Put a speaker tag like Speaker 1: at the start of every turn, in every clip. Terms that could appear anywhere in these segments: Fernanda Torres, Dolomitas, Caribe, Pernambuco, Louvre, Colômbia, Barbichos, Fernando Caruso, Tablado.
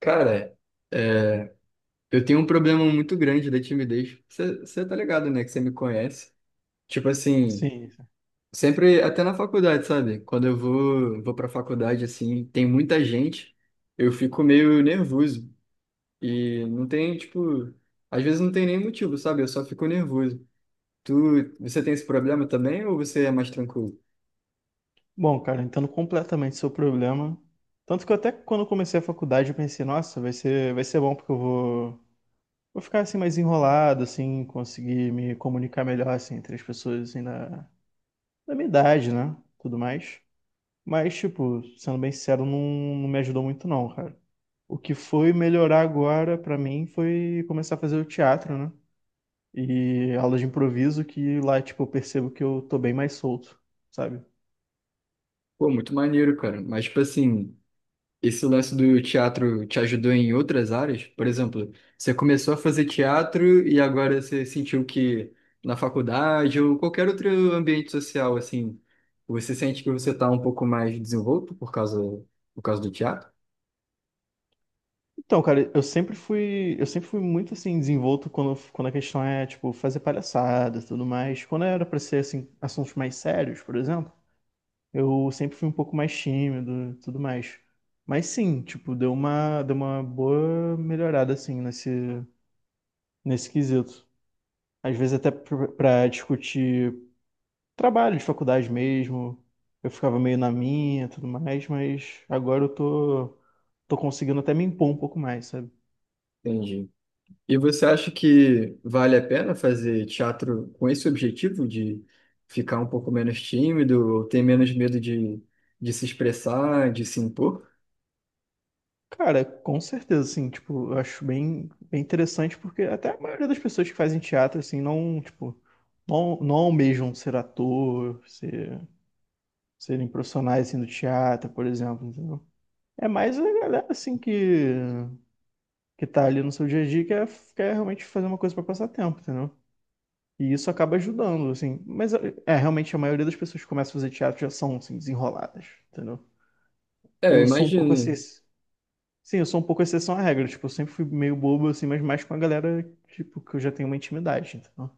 Speaker 1: Cara, é, eu tenho um problema muito grande da timidez. Você tá ligado, né? Que você me conhece. Tipo assim,
Speaker 2: Sim.
Speaker 1: sempre, até na faculdade, sabe? Quando eu vou pra faculdade, assim, tem muita gente, eu fico meio nervoso. E não tem, tipo, às vezes não tem nem motivo, sabe? Eu só fico nervoso. Tu, você tem esse problema também ou você é mais tranquilo?
Speaker 2: Bom, cara, entendo completamente seu problema. Tanto que eu até quando eu comecei a faculdade eu pensei, nossa, vai ser bom porque vou ficar assim mais enrolado, assim, conseguir me comunicar melhor assim entre as pessoas assim da minha idade, né? Tudo mais. Mas, tipo, sendo bem sincero, não, não me ajudou muito não, cara. O que foi melhorar agora pra mim foi começar a fazer o teatro, né? E aula de improviso que lá, tipo, eu percebo que eu tô bem mais solto, sabe?
Speaker 1: Pô, muito maneiro, cara. Mas, tipo assim. Esse lance do teatro te ajudou em outras áreas? Por exemplo, você começou a fazer teatro e agora você sentiu que na faculdade ou qualquer outro ambiente social, assim, você sente que você está um pouco mais desenvolto por causa do teatro?
Speaker 2: Então, cara, eu sempre fui muito assim desenvolto quando a questão é tipo fazer palhaçada, e tudo mais. Quando era pra ser assim assuntos mais sérios, por exemplo, eu sempre fui um pouco mais tímido, e tudo mais. Mas sim, tipo, deu uma boa melhorada assim nesse quesito. Às vezes pra discutir trabalho de faculdade mesmo, eu ficava meio na minha, e tudo mais, mas agora eu tô tô conseguindo até me impor um pouco mais, sabe?
Speaker 1: Entendi. E você acha que vale a pena fazer teatro com esse objetivo de ficar um pouco menos tímido ou ter menos medo de se expressar, de se impor?
Speaker 2: Cara, com certeza, assim, tipo, eu acho bem interessante, porque até a maioria das pessoas que fazem teatro, assim, não, tipo, não, não almejam ser ator, serem profissionais, assim, do teatro, por exemplo, entendeu? É mais a galera, assim, que tá ali no seu dia a dia, quer realmente fazer uma coisa pra passar tempo, entendeu? E isso acaba ajudando, assim. Mas, é, realmente, a maioria das pessoas que começam a fazer teatro já são, assim, desenroladas, entendeu?
Speaker 1: É, eu
Speaker 2: Eu sou um pouco assim,
Speaker 1: imagino.
Speaker 2: sim, eu sou um pouco exceção à regra. Tipo, eu sempre fui meio bobo, assim, mas mais com a galera, tipo, que eu já tenho uma intimidade, então.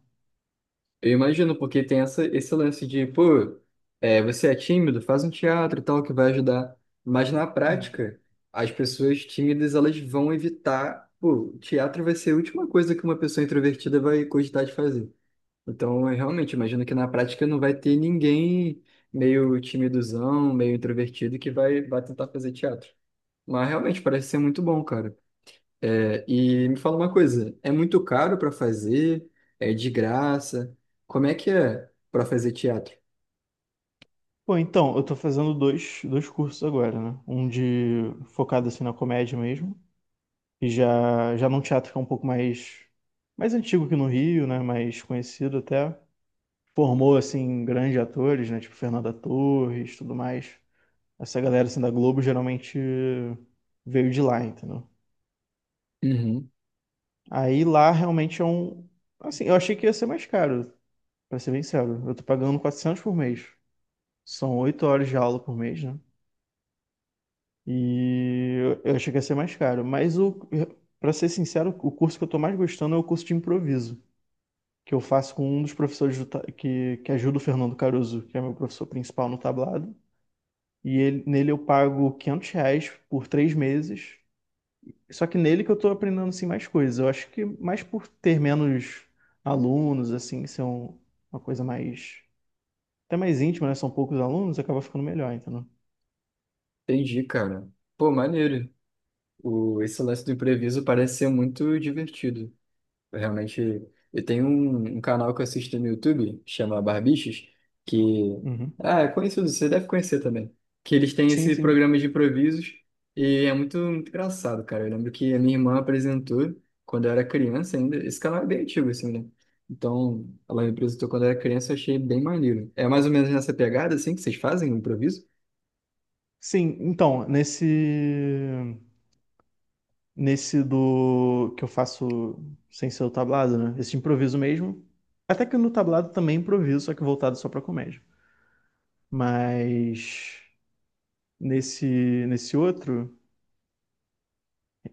Speaker 1: Eu imagino, porque tem essa, esse lance de, pô, é, você é tímido, faz um teatro e tal, que vai ajudar. Mas na
Speaker 2: Uhum.
Speaker 1: prática, as pessoas tímidas, elas vão evitar, pô, o teatro vai ser a última coisa que uma pessoa introvertida vai cogitar de fazer. Então, eu realmente imagino que na prática não vai ter ninguém meio timidozão, meio introvertido que vai tentar fazer teatro. Mas realmente parece ser muito bom, cara. É, e me fala uma coisa, é muito caro para fazer? É de graça? Como é que é para fazer teatro?
Speaker 2: Pô, então, eu tô fazendo dois cursos agora, né? Um de focado, assim, na comédia mesmo. Já num teatro que é um pouco mais antigo que no Rio, né? Mais conhecido até. Formou, assim, grandes atores, né? Tipo, Fernanda Torres, tudo mais. Essa galera, assim, da Globo, geralmente veio de lá, entendeu?
Speaker 1: Uhum,
Speaker 2: Aí lá realmente é um... Assim, eu achei que ia ser mais caro. Pra ser bem sério, eu tô pagando 400 por mês. São 8 horas de aula por mês, né? E eu achei que ia ser mais caro. Mas, o, pra ser sincero, o curso que eu tô mais gostando é o curso de improviso, que eu faço com um dos professores que ajuda o Fernando Caruso, que é meu professor principal no tablado. E nele eu pago R$ 500 por 3 meses. Só que nele que eu tô aprendendo, assim, mais coisas. Eu acho que mais por ter menos alunos, assim, uma coisa mais... até mais íntimo, né? São poucos alunos, acaba ficando melhor, entendeu?
Speaker 1: entendi, cara. Pô, maneiro. O, esse lance do impreviso parece ser muito divertido. Realmente, eu tenho um canal que eu assisto no YouTube, chama Barbichos, que
Speaker 2: Uhum.
Speaker 1: ah, é conhecido, você deve conhecer também. Que eles têm
Speaker 2: Sim,
Speaker 1: esse
Speaker 2: sim.
Speaker 1: programa de improvisos e é muito, muito engraçado, cara. Eu lembro que a minha irmã apresentou quando eu era criança ainda. Esse canal é bem antigo, assim, né? Então, ela me apresentou quando eu era criança, eu achei bem maneiro. É mais ou menos nessa pegada, assim, que vocês fazem o improviso?
Speaker 2: Sim, então, nesse do que eu faço sem ser o tablado, né? Esse improviso mesmo. Até que no tablado também improviso, só que voltado só pra comédia. Mas nesse outro,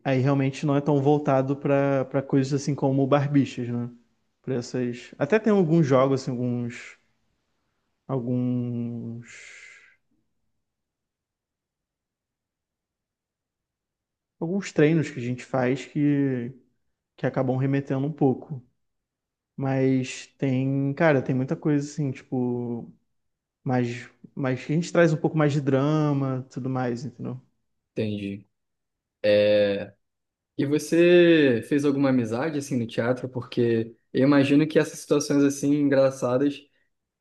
Speaker 2: aí realmente não é tão voltado pra para coisas assim como barbichas, né? Pra essas, até tem alguns jogos assim, alguns alguns treinos que a gente faz que acabam remetendo um pouco. Mas tem, cara, tem muita coisa assim, tipo, mais que a gente traz um pouco mais de drama, tudo mais, entendeu?
Speaker 1: Entendi. E você fez alguma amizade assim no teatro? Porque eu imagino que essas situações assim engraçadas,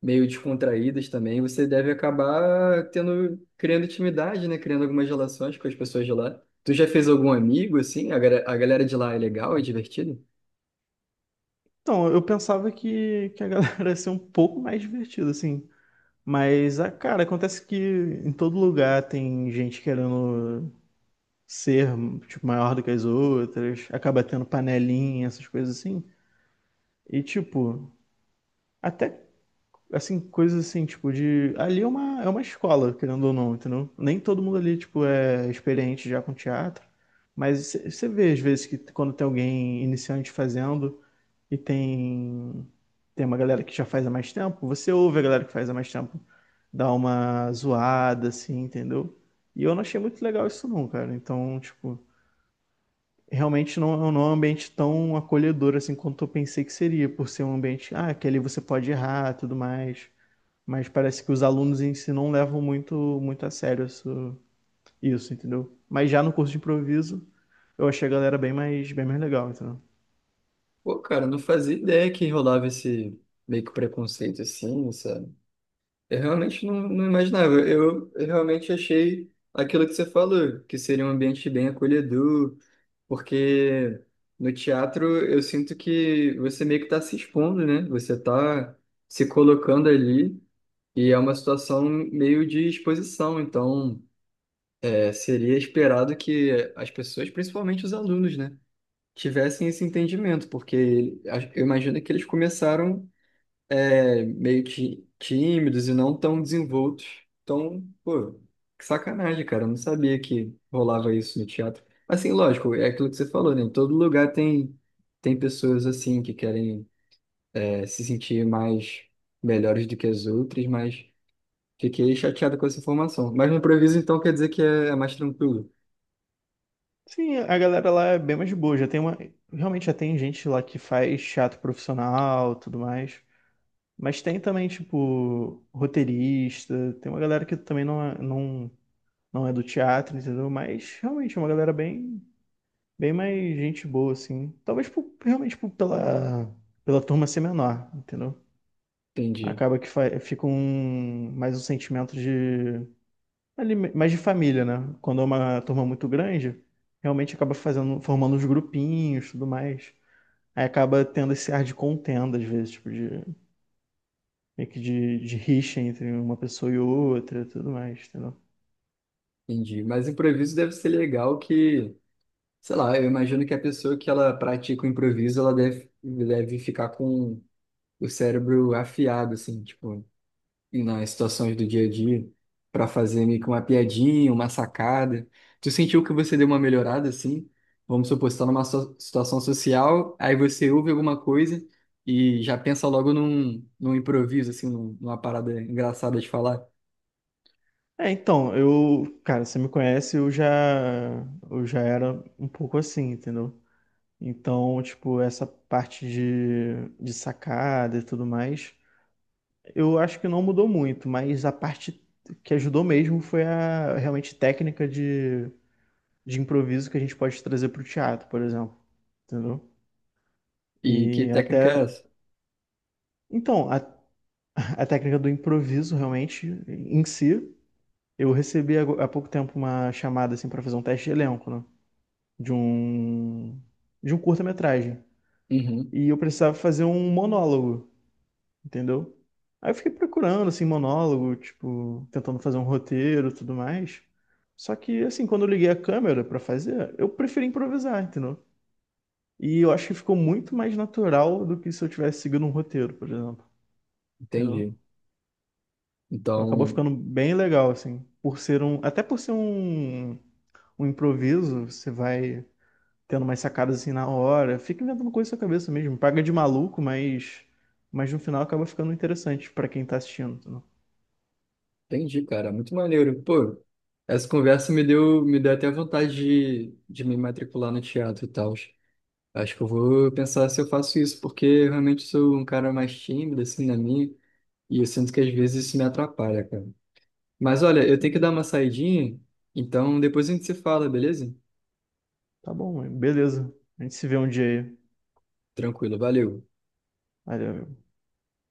Speaker 1: meio descontraídas também, você deve acabar tendo, criando intimidade, né? Criando algumas relações com as pessoas de lá. Tu já fez algum amigo assim? A galera de lá é legal, é divertido?
Speaker 2: Então, eu pensava que a galera ia ser um pouco mais divertida, assim. Mas, ah, cara, acontece que em todo lugar tem gente querendo ser, tipo, maior do que as outras, acaba tendo panelinha, essas coisas assim. E, tipo, até assim, coisas assim, tipo, de. Ali é é uma escola, querendo ou não, entendeu? Nem todo mundo ali, tipo, é experiente já com teatro, mas você vê, às vezes, que quando tem alguém iniciante fazendo e tem, tem uma galera que já faz há mais tempo, você ouve a galera que faz há mais tempo dar uma zoada, assim, entendeu? E eu não achei muito legal isso, não, cara. Então, tipo. Realmente não, não é um ambiente tão acolhedor assim quanto eu pensei que seria, por ser um ambiente, ah, que ali você pode errar, tudo mais. Mas parece que os alunos em si não levam muito, muito a sério isso, entendeu? Mas já no curso de improviso, eu achei a galera bem mais legal, entendeu?
Speaker 1: Pô, cara, eu não fazia ideia que rolava esse meio que preconceito assim, sabe? Eu realmente não imaginava. Eu realmente achei aquilo que você falou, que seria um ambiente bem acolhedor. Porque no teatro eu sinto que você meio que tá se expondo, né? Você tá se colocando ali e é uma situação meio de exposição. Então, é, seria esperado que as pessoas, principalmente os alunos, né, tivessem esse entendimento, porque eu imagino que eles começaram é, tímidos e não tão desenvoltos. Então, pô, que sacanagem, cara. Eu não sabia que rolava isso no teatro. Assim, lógico, é aquilo que você falou, né? Todo lugar tem, tem pessoas assim que querem é, se sentir mais melhores do que as outras, mas fiquei chateado com essa informação. Mas no improviso, então, quer dizer que é, é mais tranquilo.
Speaker 2: Sim, a galera lá é bem mais de boa. Já tem uma. Realmente já tem gente lá que faz teatro profissional, tudo mais. Mas tem também, tipo, roteirista. Tem uma galera que também não, não é do teatro, entendeu? Mas realmente é uma galera bem mais gente boa, assim. Realmente pela turma ser menor, entendeu?
Speaker 1: Entendi,
Speaker 2: Acaba que fica mais um sentimento de, ali, mais de família, né? Quando é uma turma muito grande, realmente acaba fazendo, formando os grupinhos, tudo mais. Aí acaba tendo esse ar de contenda, às vezes, tipo, de, meio que de rixa entre uma pessoa e outra, tudo mais, entendeu?
Speaker 1: Entendi. Mas improviso deve ser legal que, sei lá, eu imagino que a pessoa que ela pratica o improviso, ela deve, deve ficar com o cérebro afiado, assim, tipo, e nas situações do dia a dia, para fazer meio que uma piadinha, uma sacada. Tu sentiu que você deu uma melhorada, assim? Vamos supor, você tá numa situação social, aí você ouve alguma coisa e já pensa logo num improviso, assim, numa parada engraçada de falar.
Speaker 2: É, então, eu, cara, você me conhece, eu já era um pouco assim, entendeu? Então, tipo, essa parte de sacada e tudo mais. Eu acho que não mudou muito, mas a parte que ajudou mesmo foi a realmente técnica de improviso que a gente pode trazer para o teatro, por exemplo. Entendeu?
Speaker 1: E que
Speaker 2: E até.
Speaker 1: técnica é essa?
Speaker 2: Então, a técnica do improviso realmente em si. Eu recebi há pouco tempo uma chamada assim para fazer um teste de elenco, né? De um de um curta-metragem.
Speaker 1: Uhum,
Speaker 2: E eu precisava fazer um monólogo, entendeu? Aí eu fiquei procurando, assim, monólogo, tipo, tentando fazer um roteiro e tudo mais. Só que, assim, quando eu liguei a câmera pra fazer, eu preferi improvisar, entendeu? E eu acho que ficou muito mais natural do que se eu tivesse seguido um roteiro, por exemplo, entendeu?
Speaker 1: entendi.
Speaker 2: Então acabou
Speaker 1: Então,
Speaker 2: ficando bem legal, assim, por ser um, um improviso, você vai tendo umas sacadas assim na hora, fica inventando coisa na sua cabeça mesmo, paga de maluco, mas no final acaba ficando interessante pra quem tá assistindo,
Speaker 1: entendi, cara. Muito maneiro. Pô, essa conversa me deu até vontade de me matricular no teatro e tal. Acho que eu vou pensar se eu faço isso, porque eu realmente sou um cara mais tímido, assim, na minha, e eu sinto que às vezes isso me atrapalha, cara. Mas olha, eu tenho que
Speaker 2: entendeu?
Speaker 1: dar uma saidinha, então depois a gente se fala, beleza?
Speaker 2: Tá bom, mãe. Beleza. A gente se vê um dia aí.
Speaker 1: Tranquilo, valeu.
Speaker 2: Valeu, meu.